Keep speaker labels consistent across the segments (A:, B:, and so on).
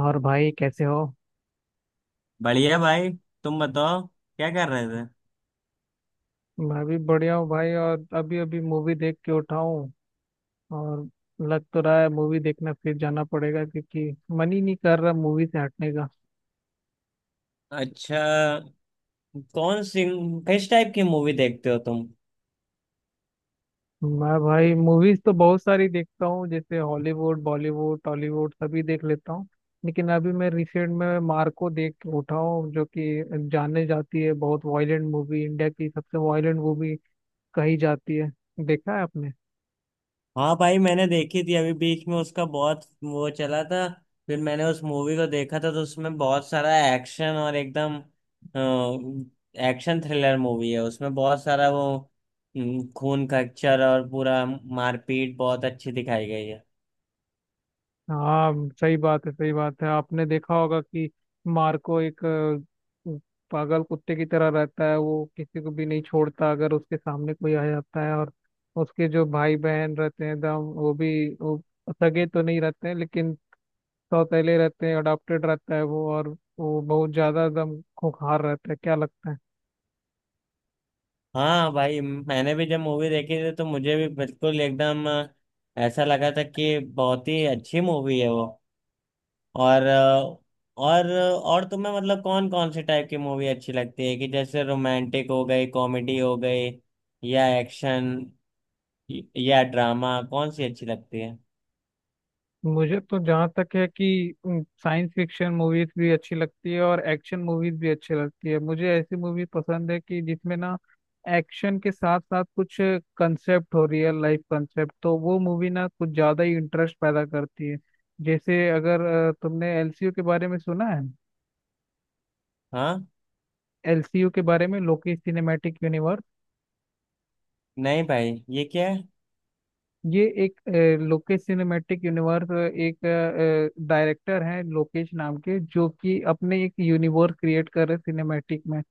A: और भाई कैसे हो।
B: बढ़िया भाई। तुम बताओ, क्या कर रहे थे?
A: मैं भी बढ़िया हूँ भाई। और अभी अभी मूवी देख के उठा हूँ। और लग तो रहा है मूवी देखना फिर जाना पड़ेगा क्योंकि मन ही नहीं कर रहा मूवी से हटने का।
B: अच्छा, कौन सी? किस टाइप की मूवी देखते हो तुम?
A: मैं भाई मूवीज तो बहुत सारी देखता हूँ, जैसे हॉलीवुड, बॉलीवुड, टॉलीवुड सभी देख लेता हूँ। लेकिन अभी मैं रिसेंट में मार्को देख के उठा हूँ, जो कि जाने जाती है बहुत वायलेंट मूवी, इंडिया की सबसे वायलेंट मूवी कही जाती है। देखा है आपने?
B: हाँ भाई, मैंने देखी थी। अभी बीच में उसका बहुत वो चला था, फिर मैंने उस मूवी को देखा था। तो उसमें बहुत सारा एक्शन, और एकदम एक्शन थ्रिलर मूवी है। उसमें बहुत सारा वो खून खच्चर और पूरा मारपीट बहुत अच्छी दिखाई गई है।
A: हाँ, सही बात है, सही बात है। आपने देखा होगा कि मार्को एक पागल कुत्ते की तरह रहता है, वो किसी को भी नहीं छोड़ता अगर उसके सामने कोई आ जाता है। और उसके जो भाई बहन रहते हैं दम, वो भी वो सगे तो नहीं रहते हैं, लेकिन सौतेले रहते हैं, अडॉप्टेड रहता है वो। और वो बहुत ज्यादा दम खूंखार रहता है, क्या लगता है?
B: हाँ भाई, मैंने भी जब मूवी देखी थी तो मुझे भी बिल्कुल एकदम ऐसा लगा था कि बहुत ही अच्छी मूवी है वो। और और तुम्हें मतलब कौन कौन से टाइप की मूवी अच्छी लगती है, कि जैसे रोमांटिक हो गई, कॉमेडी हो गई, या एक्शन या ड्रामा, कौन सी अच्छी लगती है?
A: मुझे तो जहाँ तक है कि साइंस फिक्शन मूवीज भी अच्छी लगती है और एक्शन मूवीज भी अच्छी लगती है। मुझे ऐसी मूवी पसंद है कि जिसमें ना एक्शन के साथ साथ कुछ कंसेप्ट हो, रियल लाइफ कंसेप्ट, तो वो मूवी ना कुछ ज्यादा ही इंटरेस्ट पैदा करती है। जैसे अगर तुमने एलसीयू के बारे में सुना है?
B: हाँ।
A: एलसीयू के बारे में, लोकी सिनेमैटिक यूनिवर्स।
B: नहीं भाई, ये क्या है?
A: ये एक लोकेश सिनेमैटिक यूनिवर्स। एक डायरेक्टर हैं लोकेश नाम के, जो कि अपने एक यूनिवर्स क्रिएट कर रहे सिनेमैटिक में।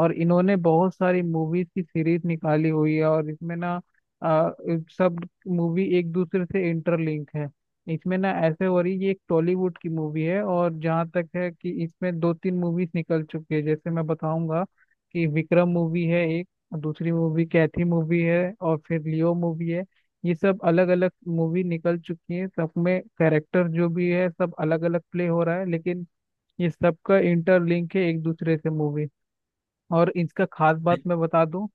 A: और इन्होंने बहुत सारी मूवीज की सीरीज निकाली हुई है, और इसमें ना अ, सब मूवी एक दूसरे से इंटरलिंक है। इसमें ना ऐसे हो रही, ये एक टॉलीवुड की मूवी है। और जहाँ तक है कि इसमें दो तीन मूवीज निकल चुकी है, जैसे मैं बताऊंगा कि विक्रम मूवी है एक, दूसरी मूवी कैथी मूवी है, और फिर लियो मूवी है। ये सब अलग अलग मूवी निकल चुकी है, सब में कैरेक्टर जो भी है सब अलग अलग प्ले हो रहा है, लेकिन ये सबका इंटरलिंक है एक दूसरे से मूवी। और इसका खास बात मैं बता दूं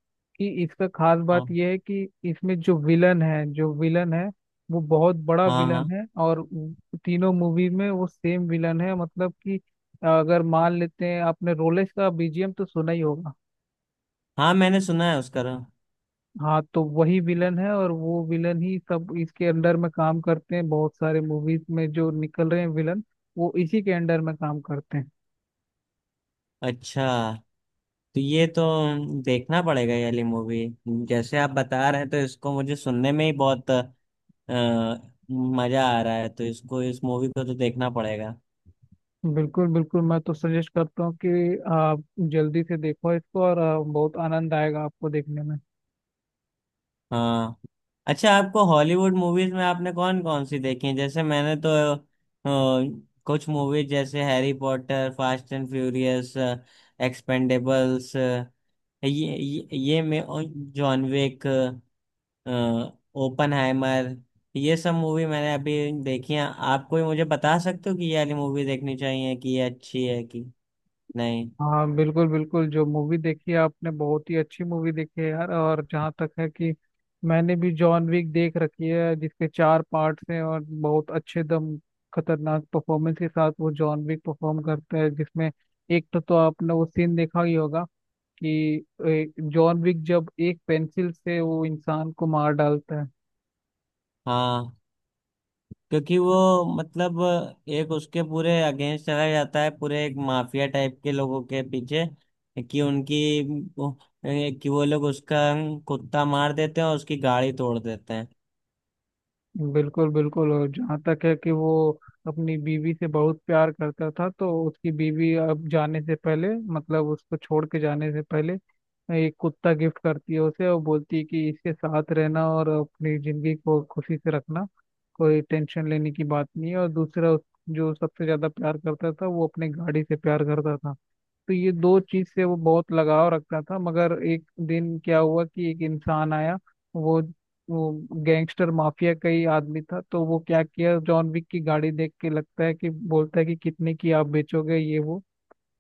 A: कि इसका खास
B: हाँ
A: बात ये है कि इसमें जो विलन है वो बहुत बड़ा
B: हाँ
A: विलन
B: हाँ।
A: है, और वो तीनों मूवी में वो सेम विलन है। मतलब कि अगर मान लेते हैं, आपने रोलेक्स का बीजीएम तो सुना ही होगा।
B: हाँ, मैंने सुना है उसका नाम।
A: हाँ, तो वही विलन है, और वो विलन ही, सब इसके अंडर में काम करते हैं, बहुत सारे मूवीज में जो निकल रहे हैं विलन, वो इसी के अंडर में काम करते हैं।
B: अच्छा, तो ये तो देखना पड़ेगा, ये वाली मूवी। जैसे आप बता रहे हैं तो इसको मुझे सुनने में ही बहुत मजा आ रहा है, तो इसको, इस मूवी को तो देखना पड़ेगा।
A: बिल्कुल बिल्कुल, मैं तो सजेस्ट करता हूँ कि आप जल्दी से देखो इसको, और बहुत आनंद आएगा आपको देखने में।
B: हाँ। अच्छा, आपको हॉलीवुड मूवीज में आपने कौन कौन सी देखी है? जैसे मैंने तो अ, कुछ मूवीज जैसे Harry Potter, fast and furious, Expendables, ये ये मैं, और जॉन विक, ओपनहाइमर, ये सब मूवी मैंने अभी देखी हैं। आप कोई मुझे बता सकते हो कि ये वाली मूवी देखनी चाहिए कि ये अच्छी है कि नहीं?
A: हाँ बिल्कुल बिल्कुल, जो मूवी देखी है आपने बहुत ही अच्छी मूवी देखी है यार। और जहाँ तक है कि मैंने भी जॉन विक देख रखी है, जिसके चार पार्ट्स हैं, और बहुत अच्छे दम खतरनाक परफॉर्मेंस के साथ वो जॉन विक परफॉर्म करता है। जिसमें एक तो आपने वो सीन देखा ही होगा कि जॉन विक जब एक पेंसिल से वो इंसान को मार डालता है।
B: हाँ, क्योंकि वो मतलब एक उसके पूरे अगेंस्ट चला जाता है, पूरे एक माफिया टाइप के लोगों के पीछे, कि उनकी वो- कि वो लोग उसका कुत्ता मार देते हैं और उसकी गाड़ी तोड़ देते हैं।
A: बिल्कुल बिल्कुल, और जहाँ तक है कि वो अपनी बीवी से बहुत प्यार करता था, तो उसकी बीवी अब जाने से पहले, मतलब उसको छोड़ के जाने से पहले, एक कुत्ता गिफ्ट करती है उसे, और बोलती है कि इसके साथ रहना और अपनी जिंदगी को खुशी से रखना, कोई टेंशन लेने की बात नहीं है। और दूसरा जो सबसे ज्यादा प्यार करता था, वो अपने गाड़ी से प्यार करता था। तो ये दो चीज से वो बहुत लगाव रखता था। मगर एक दिन क्या हुआ कि एक इंसान आया, वो वो गैंगस्टर माफिया का ही आदमी था। तो वो क्या किया, जॉन विक की गाड़ी देख के लगता है कि, बोलता है कि कितने की आप बेचोगे ये वो,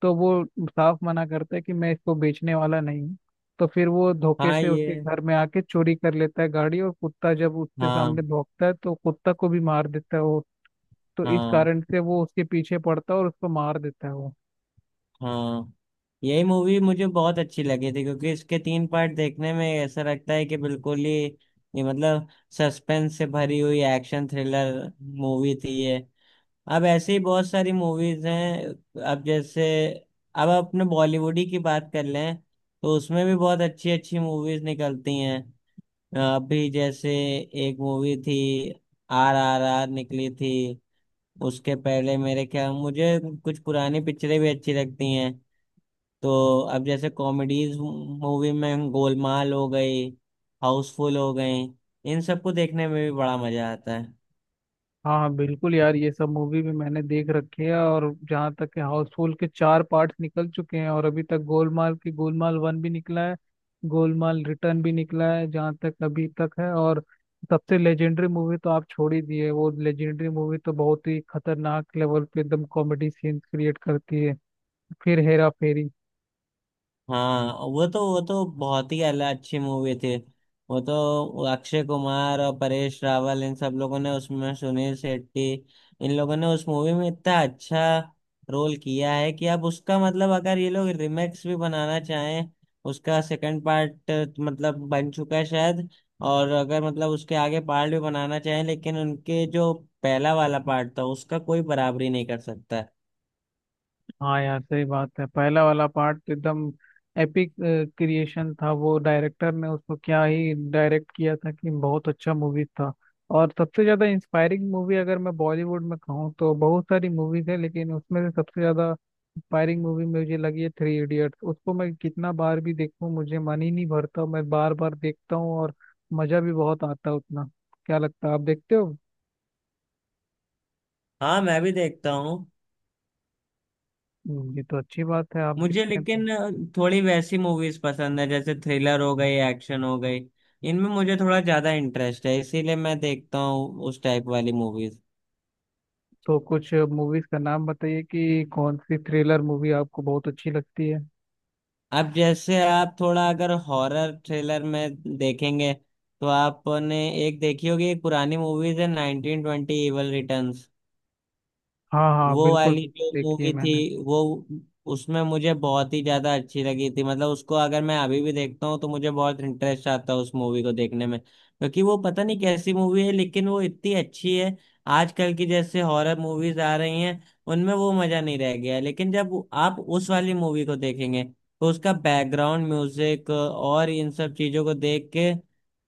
A: तो वो साफ मना करता है कि मैं इसको बेचने वाला नहीं हूँ। तो फिर वो धोखे
B: हाँ
A: से उसके
B: ये।
A: घर में आके चोरी कर लेता है गाड़ी, और कुत्ता जब उसके
B: हाँ
A: सामने भौंकता है तो कुत्ता को भी मार देता है वो। तो इस
B: हाँ।
A: कारण से वो उसके पीछे पड़ता है और उसको मार देता है वो।
B: हाँ, यही मूवी मुझे बहुत अच्छी लगी थी, क्योंकि इसके 3 पार्ट देखने में ऐसा लगता है कि बिल्कुल ही ये मतलब सस्पेंस से भरी हुई एक्शन थ्रिलर मूवी थी ये। अब ऐसी ही बहुत सारी मूवीज हैं। अब जैसे, अब अपने बॉलीवुड ही की बात कर लें तो उसमें भी बहुत अच्छी अच्छी मूवीज निकलती हैं। अभी जैसे एक मूवी थी, RRR निकली थी। उसके पहले मेरे ख्याल, मुझे कुछ पुरानी पिक्चरें भी अच्छी लगती हैं। तो अब जैसे कॉमेडीज मूवी में गोलमाल हो गई, हाउसफुल हो गई, इन सबको देखने में भी बड़ा मजा आता है।
A: हाँ हाँ बिल्कुल यार, ये सब मूवी भी मैंने देख रखी है। और जहाँ तक है, हाउसफुल के चार पार्ट्स निकल चुके हैं, और अभी तक गोलमाल की गोलमाल वन भी निकला है, गोलमाल रिटर्न भी निकला है जहाँ तक अभी तक है। और सबसे लेजेंडरी मूवी तो आप छोड़ ही दिए, वो लेजेंडरी मूवी तो बहुत ही खतरनाक लेवल पे एकदम कॉमेडी सीन क्रिएट करती है, फिर हेरा फेरी।
B: हाँ, वो तो बहुत ही अच्छी मूवी थी। वो तो अक्षय कुमार और परेश रावल, इन सब लोगों ने उसमें, सुनील शेट्टी, इन लोगों ने उस मूवी में इतना अच्छा रोल किया है कि अब उसका मतलब, अगर ये लोग रिमेक्स भी बनाना चाहें, उसका सेकंड पार्ट मतलब बन चुका है शायद, और अगर मतलब उसके आगे पार्ट भी बनाना चाहें, लेकिन उनके जो पहला वाला पार्ट था उसका कोई बराबरी नहीं कर सकता है।
A: हाँ यार सही बात है, पहला वाला पार्ट तो एकदम एपिक क्रिएशन था। वो डायरेक्टर ने उसको क्या ही डायरेक्ट किया था कि बहुत अच्छा मूवी था। और सबसे ज्यादा इंस्पायरिंग मूवी अगर मैं बॉलीवुड में कहूँ तो बहुत सारी मूवीज है, लेकिन उसमें से सबसे ज्यादा इंस्पायरिंग मूवी मुझे लगी है थ्री इडियट्स। उसको मैं कितना बार भी देखूँ मुझे मन ही नहीं भरता, मैं बार बार देखता हूँ और मजा भी बहुत आता है उतना। क्या लगता है, आप देखते हो?
B: हाँ, मैं भी देखता हूँ।
A: ये तो अच्छी बात है आप
B: मुझे
A: देखते हैं।
B: लेकिन थोड़ी वैसी मूवीज पसंद है, जैसे थ्रिलर हो गई, एक्शन हो गई। इनमें मुझे थोड़ा ज्यादा इंटरेस्ट है, इसीलिए मैं देखता हूँ उस टाइप वाली मूवीज।
A: तो कुछ मूवीज का नाम बताइए कि कौन सी थ्रिलर मूवी आपको बहुत अच्छी लगती है।
B: अब जैसे आप थोड़ा अगर हॉरर थ्रिलर में देखेंगे तो आपने एक देखी होगी, एक पुरानी मूवीज है, 1920 इवल रिटर्न्स।
A: हाँ हाँ
B: वो
A: बिल्कुल
B: वाली जो
A: बिल्कुल, देखी है
B: मूवी थी
A: मैंने।
B: वो, उसमें मुझे बहुत ही ज्यादा अच्छी लगी थी। मतलब उसको अगर मैं अभी भी देखता हूँ तो मुझे बहुत इंटरेस्ट आता है उस मूवी को देखने में, क्योंकि वो पता नहीं कैसी मूवी है, लेकिन वो इतनी अच्छी है। आजकल की जैसे हॉरर मूवीज आ रही हैं, उनमें वो मजा नहीं रह गया है। लेकिन जब आप उस वाली मूवी को देखेंगे तो उसका बैकग्राउंड म्यूजिक और इन सब चीजों को देख के,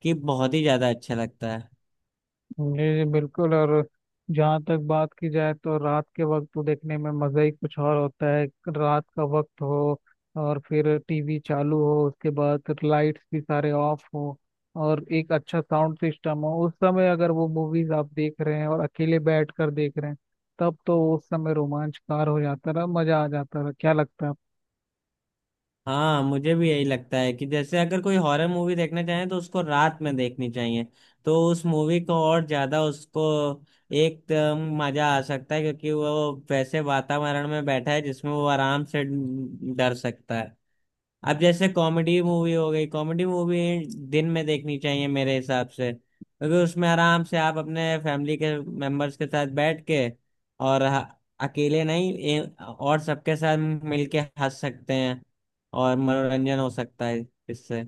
B: कि बहुत ही ज्यादा अच्छा लगता है।
A: जी जी बिल्कुल। और जहाँ तक बात की जाए तो रात के वक्त तो देखने में मज़ा ही कुछ और होता है। रात का वक्त हो, और फिर टीवी चालू हो, उसके बाद लाइट्स भी सारे ऑफ हो, और एक अच्छा साउंड सिस्टम हो, उस समय अगर वो मूवीज आप देख रहे हैं और अकेले बैठ कर देख रहे हैं, तब तो उस समय रोमांचकार हो जाता रहा, मज़ा आ जाता रहा, क्या लगता है?
B: हाँ, मुझे भी यही लगता है कि जैसे अगर कोई हॉरर मूवी देखना चाहे तो उसको रात में देखनी चाहिए। तो उस मूवी को और ज्यादा, उसको एक मजा आ सकता है, क्योंकि वो वैसे वातावरण में बैठा है जिसमें वो आराम से डर सकता है। अब जैसे कॉमेडी मूवी हो गई, कॉमेडी मूवी दिन में देखनी चाहिए मेरे हिसाब से, क्योंकि उसमें आराम से आप अपने फैमिली के मेंबर्स के साथ बैठ के, और ह- अकेले नहीं, और सबके साथ मिलके हंस सकते हैं, और मनोरंजन हो सकता है इससे।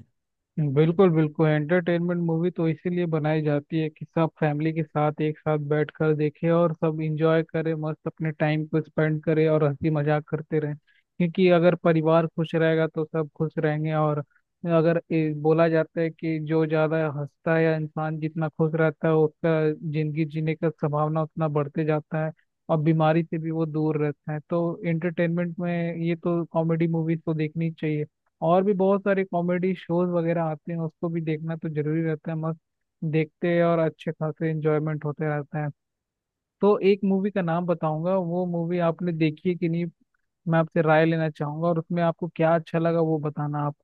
A: बिल्कुल बिल्कुल, एंटरटेनमेंट मूवी तो इसीलिए बनाई जाती है कि सब फैमिली के साथ एक साथ बैठ कर देखे, और सब इंजॉय करें, मस्त अपने टाइम को स्पेंड करें और हंसी मजाक करते रहें। क्योंकि अगर परिवार खुश रहेगा तो सब खुश रहेंगे। और अगर बोला जाता है कि जो ज्यादा हंसता है या इंसान जितना खुश रहता है उसका जिंदगी जीने का संभावना उतना बढ़ते जाता है, और बीमारी से भी वो दूर रहता है। तो एंटरटेनमेंट में ये तो, कॉमेडी मूवीज तो देखनी चाहिए। और भी बहुत सारे कॉमेडी शोज वगैरह आते हैं, उसको भी देखना तो जरूरी रहता है। मस्त देखते हैं और अच्छे खासे एंजॉयमेंट होते रहता है। तो एक मूवी का नाम बताऊंगा, वो मूवी आपने देखी है कि नहीं, मैं आपसे राय लेना चाहूंगा। और उसमें आपको क्या अच्छा लगा वो बताना आप।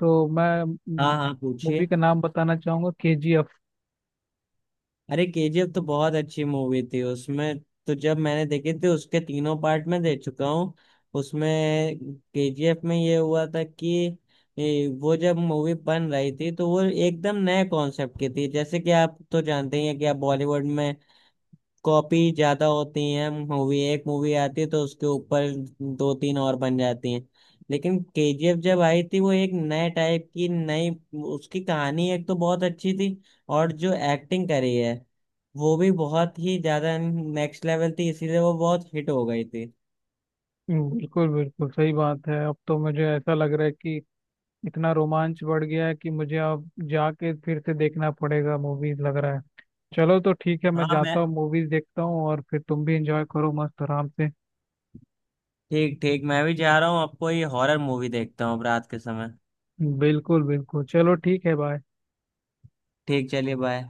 A: तो मैं
B: हाँ हाँ,
A: मूवी
B: पूछिए।
A: का नाम बताना चाहूंगा, केजीएफ।
B: अरे, KGF तो बहुत अच्छी मूवी थी। उसमें, तो जब मैंने देखी थी, उसके तीनों पार्ट में देख चुका हूँ। उसमें KGF में ये हुआ था कि ये वो जब मूवी बन रही थी तो वो एकदम नए कॉन्सेप्ट की थी, जैसे कि आप तो जानते ही हैं कि आप बॉलीवुड में कॉपी ज्यादा होती है। मूवी, एक मूवी आती है तो उसके ऊपर दो तीन और बन जाती हैं। लेकिन KGF जब आई थी, वो एक नए टाइप की, नई, उसकी कहानी एक तो बहुत अच्छी थी, और जो एक्टिंग करी है वो भी बहुत ही ज्यादा नेक्स्ट लेवल थी, इसीलिए वो बहुत हिट हो गई थी।
A: बिल्कुल बिल्कुल सही बात है, अब तो मुझे ऐसा लग रहा है कि इतना रोमांच बढ़ गया है कि मुझे अब जाके फिर से देखना पड़ेगा मूवीज, लग रहा है। चलो तो ठीक है, मैं
B: हाँ,
A: जाता
B: मैं,
A: हूँ मूवीज देखता हूँ, और फिर तुम भी एंजॉय करो मस्त आराम से।
B: ठीक ठीक, मैं भी जा रहा हूँ अब। कोई हॉरर मूवी देखता हूँ अब रात के समय।
A: बिल्कुल बिल्कुल चलो ठीक है, बाय।
B: ठीक, चलिए बाय।